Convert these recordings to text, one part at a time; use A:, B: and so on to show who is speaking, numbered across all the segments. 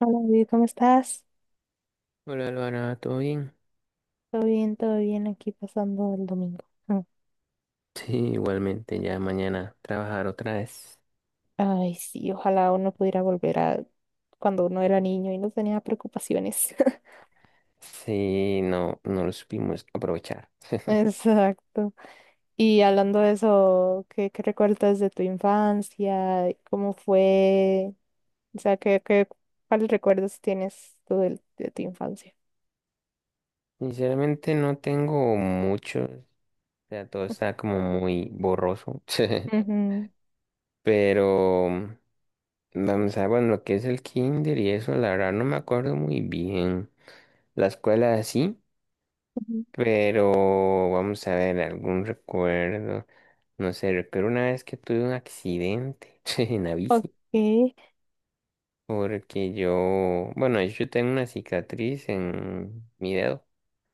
A: Hola, David, ¿cómo estás?
B: Hola, Luana, ¿todo bien?
A: Todo bien, aquí pasando el domingo. Mm.
B: Sí, igualmente, ya mañana trabajar otra vez.
A: Ay, sí, ojalá uno pudiera volver a cuando uno era niño y no tenía preocupaciones.
B: Sí, no, no lo supimos aprovechar.
A: Exacto. Y hablando de eso, ¿qué recuerdas de tu infancia? ¿Cómo fue? O sea, ¿qué, qué, cuáles recuerdos tienes tú de tu infancia?
B: Sinceramente no tengo mucho, o sea, todo está como muy borroso,
A: Ujú,
B: pero vamos a ver, bueno, lo que es el kinder y eso, la verdad no me acuerdo muy bien. La escuela sí,
A: ujú.
B: pero vamos a ver, algún recuerdo, no sé, recuerdo una vez que tuve un accidente en la bici.
A: Ok.
B: Porque yo, bueno, de hecho, yo tengo una cicatriz en mi dedo.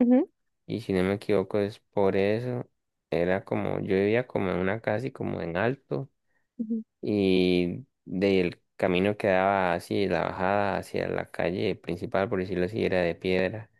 A: Ujú,
B: Y si no me equivoco es por eso. Era como, yo vivía como en una casa y como en alto.
A: ujú.
B: Y del camino que daba así, la bajada hacia la calle principal, por decirlo así, era de piedra.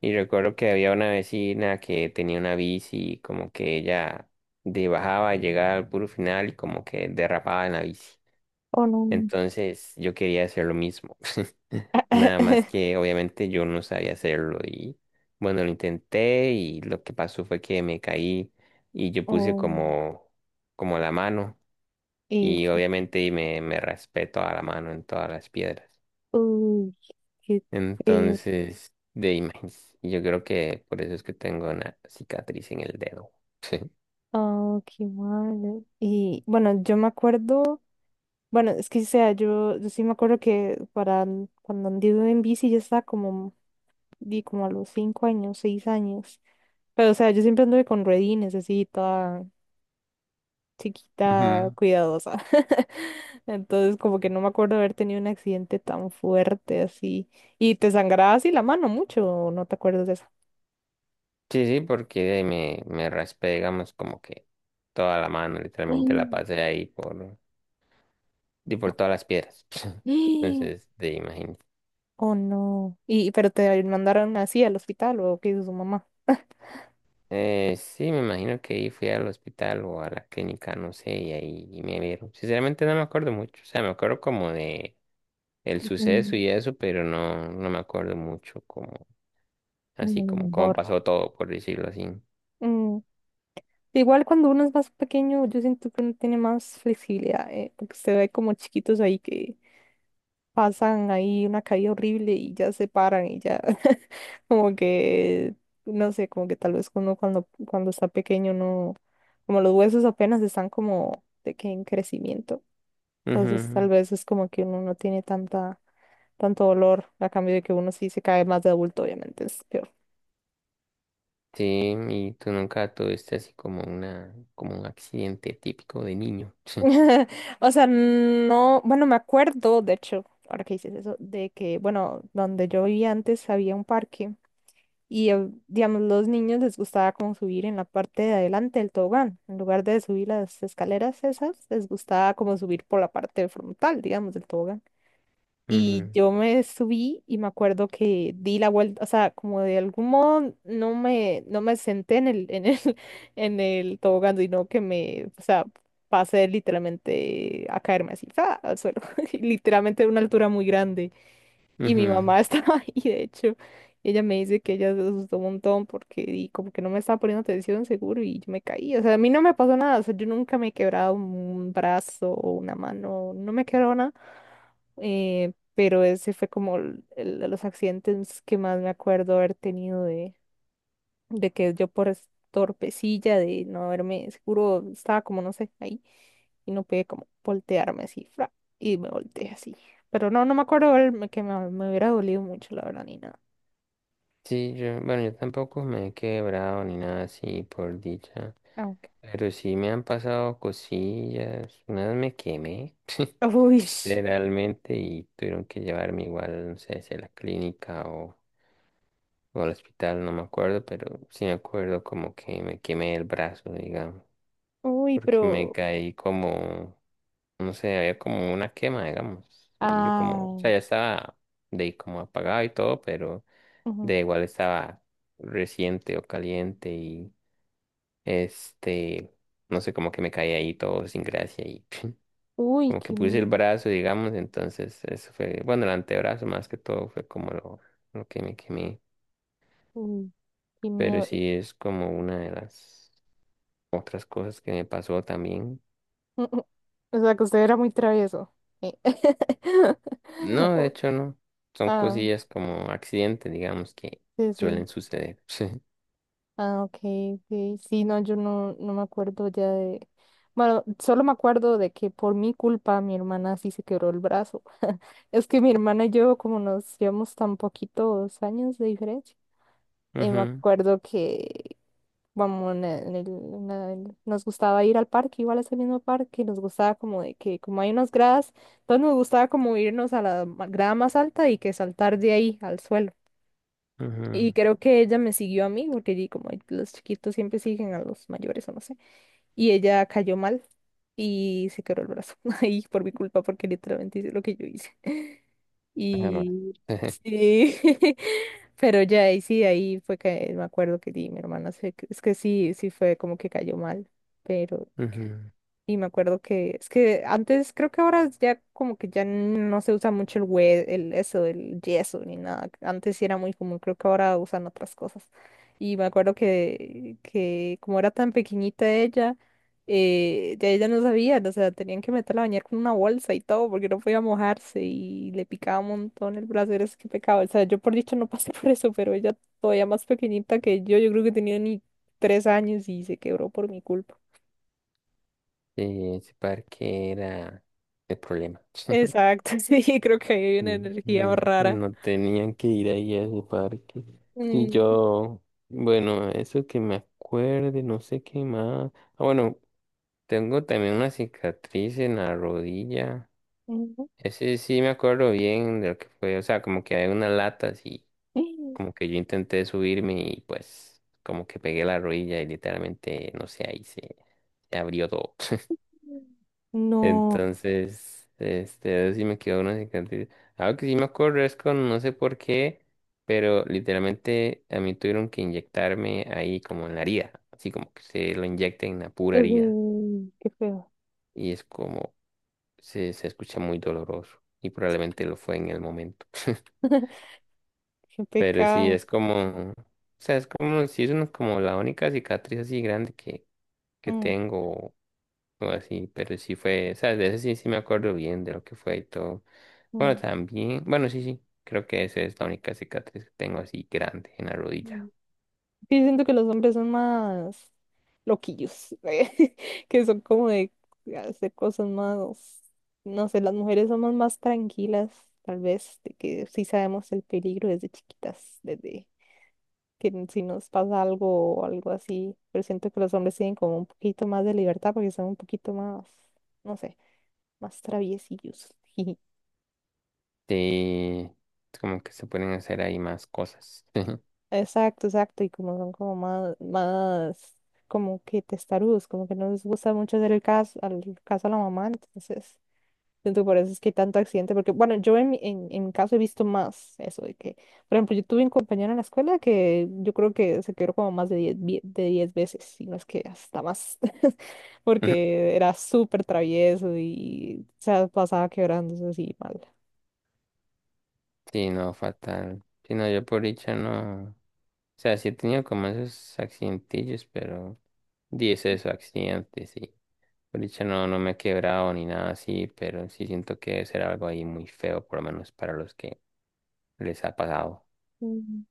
B: Y recuerdo que había una vecina que tenía una bici, y como que ella de bajaba, llegaba al puro final y como que derrapaba en la bici.
A: Oh, no.
B: Entonces yo quería hacer lo mismo. Nada más que obviamente yo no sabía hacerlo y bueno, lo intenté y lo que pasó fue que me caí y yo puse
A: Oh,
B: como, como la mano
A: y
B: y
A: fue-
B: obviamente me raspé toda la mano en todas las piedras.
A: uy, qué feo.
B: Entonces, de imagen, yo creo que por eso es que tengo una cicatriz en el dedo. Sí.
A: Oh, qué malo. Y bueno, yo me acuerdo, bueno, es que o sea, yo sí me acuerdo que para cuando anduve en bici ya estaba como, di como a los 5 años, 6 años. Pero o sea, yo siempre anduve con ruedines, así, toda chiquita,
B: Ujú.
A: cuidadosa. Entonces, como que no me acuerdo haber tenido un accidente tan fuerte así. Y te sangraba así la mano mucho, ¿o ¿no te acuerdas de eso?
B: Sí, sí, porque me raspé, digamos, como que toda la mano, literalmente la
A: Mm.
B: pasé ahí por y por todas las piedras.
A: Mm.
B: Entonces, te imaginas.
A: Oh, no. Y, pero te mandaron así al hospital, ¿o qué hizo su mamá?
B: Sí, me imagino que ahí fui al hospital o a la clínica, no sé, y ahí me vieron. Sinceramente no me acuerdo mucho. O sea, me acuerdo como de el suceso
A: Mm,
B: y eso, pero no, no me acuerdo mucho como, así
A: mm, lo
B: como cómo
A: mejor. ¿No?
B: pasó todo, por decirlo así.
A: Mm, igual cuando uno es más pequeño, yo siento que uno tiene más flexibilidad, porque se ve como chiquitos ahí que pasan ahí una caída horrible y ya se paran y ya como que, no sé, como que tal vez uno cuando, cuando está pequeño no, como los huesos apenas están como de que en crecimiento. Entonces tal
B: Ujú.
A: vez es como que uno no tiene tanta, tanto dolor, a cambio de que uno sí se cae más de adulto, obviamente.
B: Sí, y tú nunca tuviste así como una, como un accidente típico de niño.
A: O sea, no, bueno, me acuerdo, de hecho, ahora que dices eso, de que, bueno, donde yo vivía antes había un parque y, digamos, los niños les gustaba como subir en la parte de adelante del tobogán. En lugar de subir las escaleras esas, les gustaba como subir por la parte frontal, digamos, del tobogán. Y
B: Ujú,
A: yo me subí y me acuerdo que di la vuelta, o sea, como de algún modo no me senté en el tobogán, sino que me, o sea, pasé literalmente a caerme así, ¡fa!, al suelo, y literalmente de una altura muy grande. Y mi
B: ujú.
A: mamá estaba ahí, de hecho, ella me dice que ella se asustó un montón porque y como que no me estaba poniendo atención seguro y yo me caí. O sea, a mí no me pasó nada, o sea, yo nunca me he quebrado un brazo o una mano, no me he quebrado nada. Eh, pero ese fue como el de los accidentes que más me acuerdo haber tenido de que yo por torpecilla de no haberme, seguro estaba como, no sé, ahí, y no pude como voltearme así, fra, y me volteé así. Pero no, no me acuerdo que me hubiera dolido mucho, la verdad, ni nada.
B: Sí, yo, bueno, yo tampoco me he quebrado ni nada así, por dicha.
A: Aunque.
B: Pero sí me han pasado cosillas. Una vez me quemé,
A: Uy,
B: literalmente, y tuvieron que llevarme igual, no sé si a la clínica o al hospital, no me acuerdo, pero sí me acuerdo como que me quemé el brazo, digamos,
A: uy,
B: porque me
A: pero.
B: caí como, no sé, había como una quema, digamos. Y yo como, o sea,
A: Ay.
B: ya estaba de ahí como apagado y todo, pero
A: Ujú.
B: de igual estaba reciente o caliente y este, no sé, como que me caí ahí todo sin gracia y
A: Uy,
B: como que puse el brazo, digamos, entonces eso fue, bueno, el antebrazo más que todo fue como lo que me quemé,
A: uy, qué
B: pero
A: miedo.
B: sí es como una de las otras cosas que me pasó también.
A: O sea, que usted era muy travieso. Eh.
B: No, de hecho no, son
A: Ah,
B: cosillas como accidentes, digamos, que
A: sí, sí.
B: suelen suceder. Sí.
A: Ah, ok, ok. Sí, no, yo no, no me acuerdo ya de... Bueno, solo me acuerdo de que por mi culpa mi hermana sí se quebró el brazo. Es que mi hermana y yo, como nos llevamos tan poquitos años de diferencia, me
B: Ujú,
A: acuerdo que, vamos, nos gustaba ir al parque, igual a ese mismo parque, nos gustaba como de que, como hay unas gradas, entonces nos gustaba como irnos a la grada más alta y que saltar de ahí al suelo.
B: ujú,
A: Y creo que ella me siguió a mí, porque como los chiquitos siempre siguen a los mayores o no sé. Y ella cayó mal y se quebró el brazo ahí por mi culpa, porque literalmente hice lo que yo hice.
B: ajá, más.
A: Y sí, pero ya ahí sí, ahí fue que me acuerdo que di, mi hermana, es que sí, sí fue como que cayó mal, pero
B: Ujú.
A: y me acuerdo que es que antes, creo que ahora ya como que ya no se usa mucho el el yeso ni nada. Antes sí era muy común, creo que ahora usan otras cosas. Y me acuerdo que como era tan pequeñita ella, ya ella no sabía, o sea, tenían que meterla a bañar con una bolsa y todo, porque no podía mojarse y le picaba un montón el brazo, era que pecado. O sea, yo por dicho no pasé por eso, pero ella todavía más pequeñita que yo creo que tenía ni 3 años y se quebró por mi culpa.
B: Sí, ese parque era el problema.
A: Exacto, sí, creo que hay una
B: Mm,
A: energía
B: mm,
A: rara.
B: no tenían que ir ahí a ese parque. Y
A: Mm,
B: yo, bueno, eso que me acuerde, no sé qué más. Ah, bueno, tengo también una cicatriz en la rodilla.
A: ujú.
B: Ese sí me acuerdo bien de lo que fue. O sea, como que hay una lata así. Como que yo intenté subirme y pues como que pegué la rodilla y literalmente, no sé, ahí se, se abrió todo.
A: No,
B: Entonces, este, a ver si me quedó una cicatriz. Algo que sí me acuerdo es con, no sé por qué, pero literalmente a mí tuvieron que inyectarme ahí como en la herida, así como que se lo inyecten en la pura herida.
A: ujú, qué feo,
B: Y es como, se escucha muy doloroso y probablemente lo fue en el momento.
A: qué
B: Pero sí,
A: pecado.
B: es como, o sea, es como, sí es una como la única cicatriz así grande que
A: Mm,
B: tengo o así, pero sí fue, o sea, de eso sí, sí me acuerdo bien de lo que fue y todo. Bueno,
A: mm,
B: también, bueno, sí, sí, creo que esa es la única cicatriz que tengo así grande en la
A: mm.
B: rodilla.
A: Sí, siento que los hombres son más loquillos, que son como de hacer cosas más, no sé, las mujeres somos más tranquilas, tal vez, de que sí sabemos el peligro desde chiquitas, desde que si nos pasa algo o algo así, pero siento que los hombres tienen como un poquito más de libertad porque son un poquito más, no sé, más traviesillos. Jiji.
B: Sí, es como que se pueden hacer ahí más cosas.
A: Exacto, exacto, y como son como más, más como que testarudos, como que no les gusta mucho hacer el caso, al caso a la mamá, entonces siento que por eso es que hay tanto accidente, porque bueno, yo en, en mi caso he visto más eso de que, por ejemplo, yo tuve un compañero en la escuela que yo creo que se quebró como más de 10 de 10 veces, si no es que hasta más, porque era súper travieso y se pasaba quebrándose así mal.
B: Sí, no, fatal. Sí, no, yo por dicha no. O sea, sí he tenido como esos accidentillos, pero dice esos accidentes, sí. Por dicha no, no me he quebrado ni nada así, pero sí siento que debe ser algo ahí muy feo, por lo menos para los que les ha pasado.
A: Mm.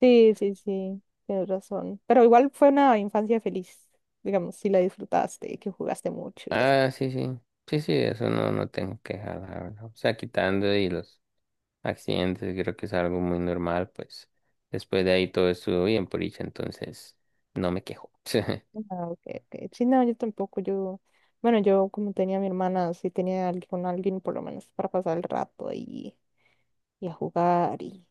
A: Sí, sí, sí, tienes razón. Pero igual fue una infancia feliz, digamos, si la disfrutaste, que jugaste mucho y así.
B: Ah, sí, sí. Sí, sí, eso no, no tengo queja, la verdad. O sea, quitando y los accidentes, creo que es algo muy normal, pues después de ahí todo estuvo bien por dicha, entonces no me quejo.
A: Ah, ok, ok. Sí, no, yo tampoco, yo, bueno, yo como tenía a mi hermana, sí tenía con alguien por lo menos para pasar el rato y a jugar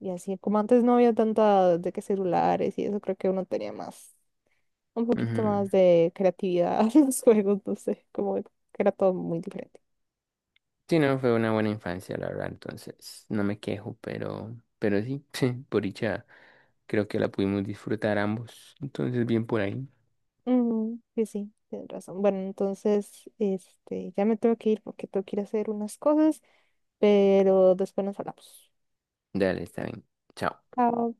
A: y así, como antes no había tanta de que celulares y eso, creo que uno tenía más, un poquito
B: Ujú.
A: más de creatividad en los juegos, no sé, como que era todo muy diferente.
B: Sí, no, fue una buena infancia, la verdad, entonces no me quejo, pero sí, por dicha creo que la pudimos disfrutar ambos, entonces bien por ahí.
A: Ujú, sí, sí, tienes razón. Bueno, entonces, este, ya me tengo que ir porque tengo que ir a hacer unas cosas, pero después nos hablamos.
B: Dale, está bien. Chao.
A: Chao.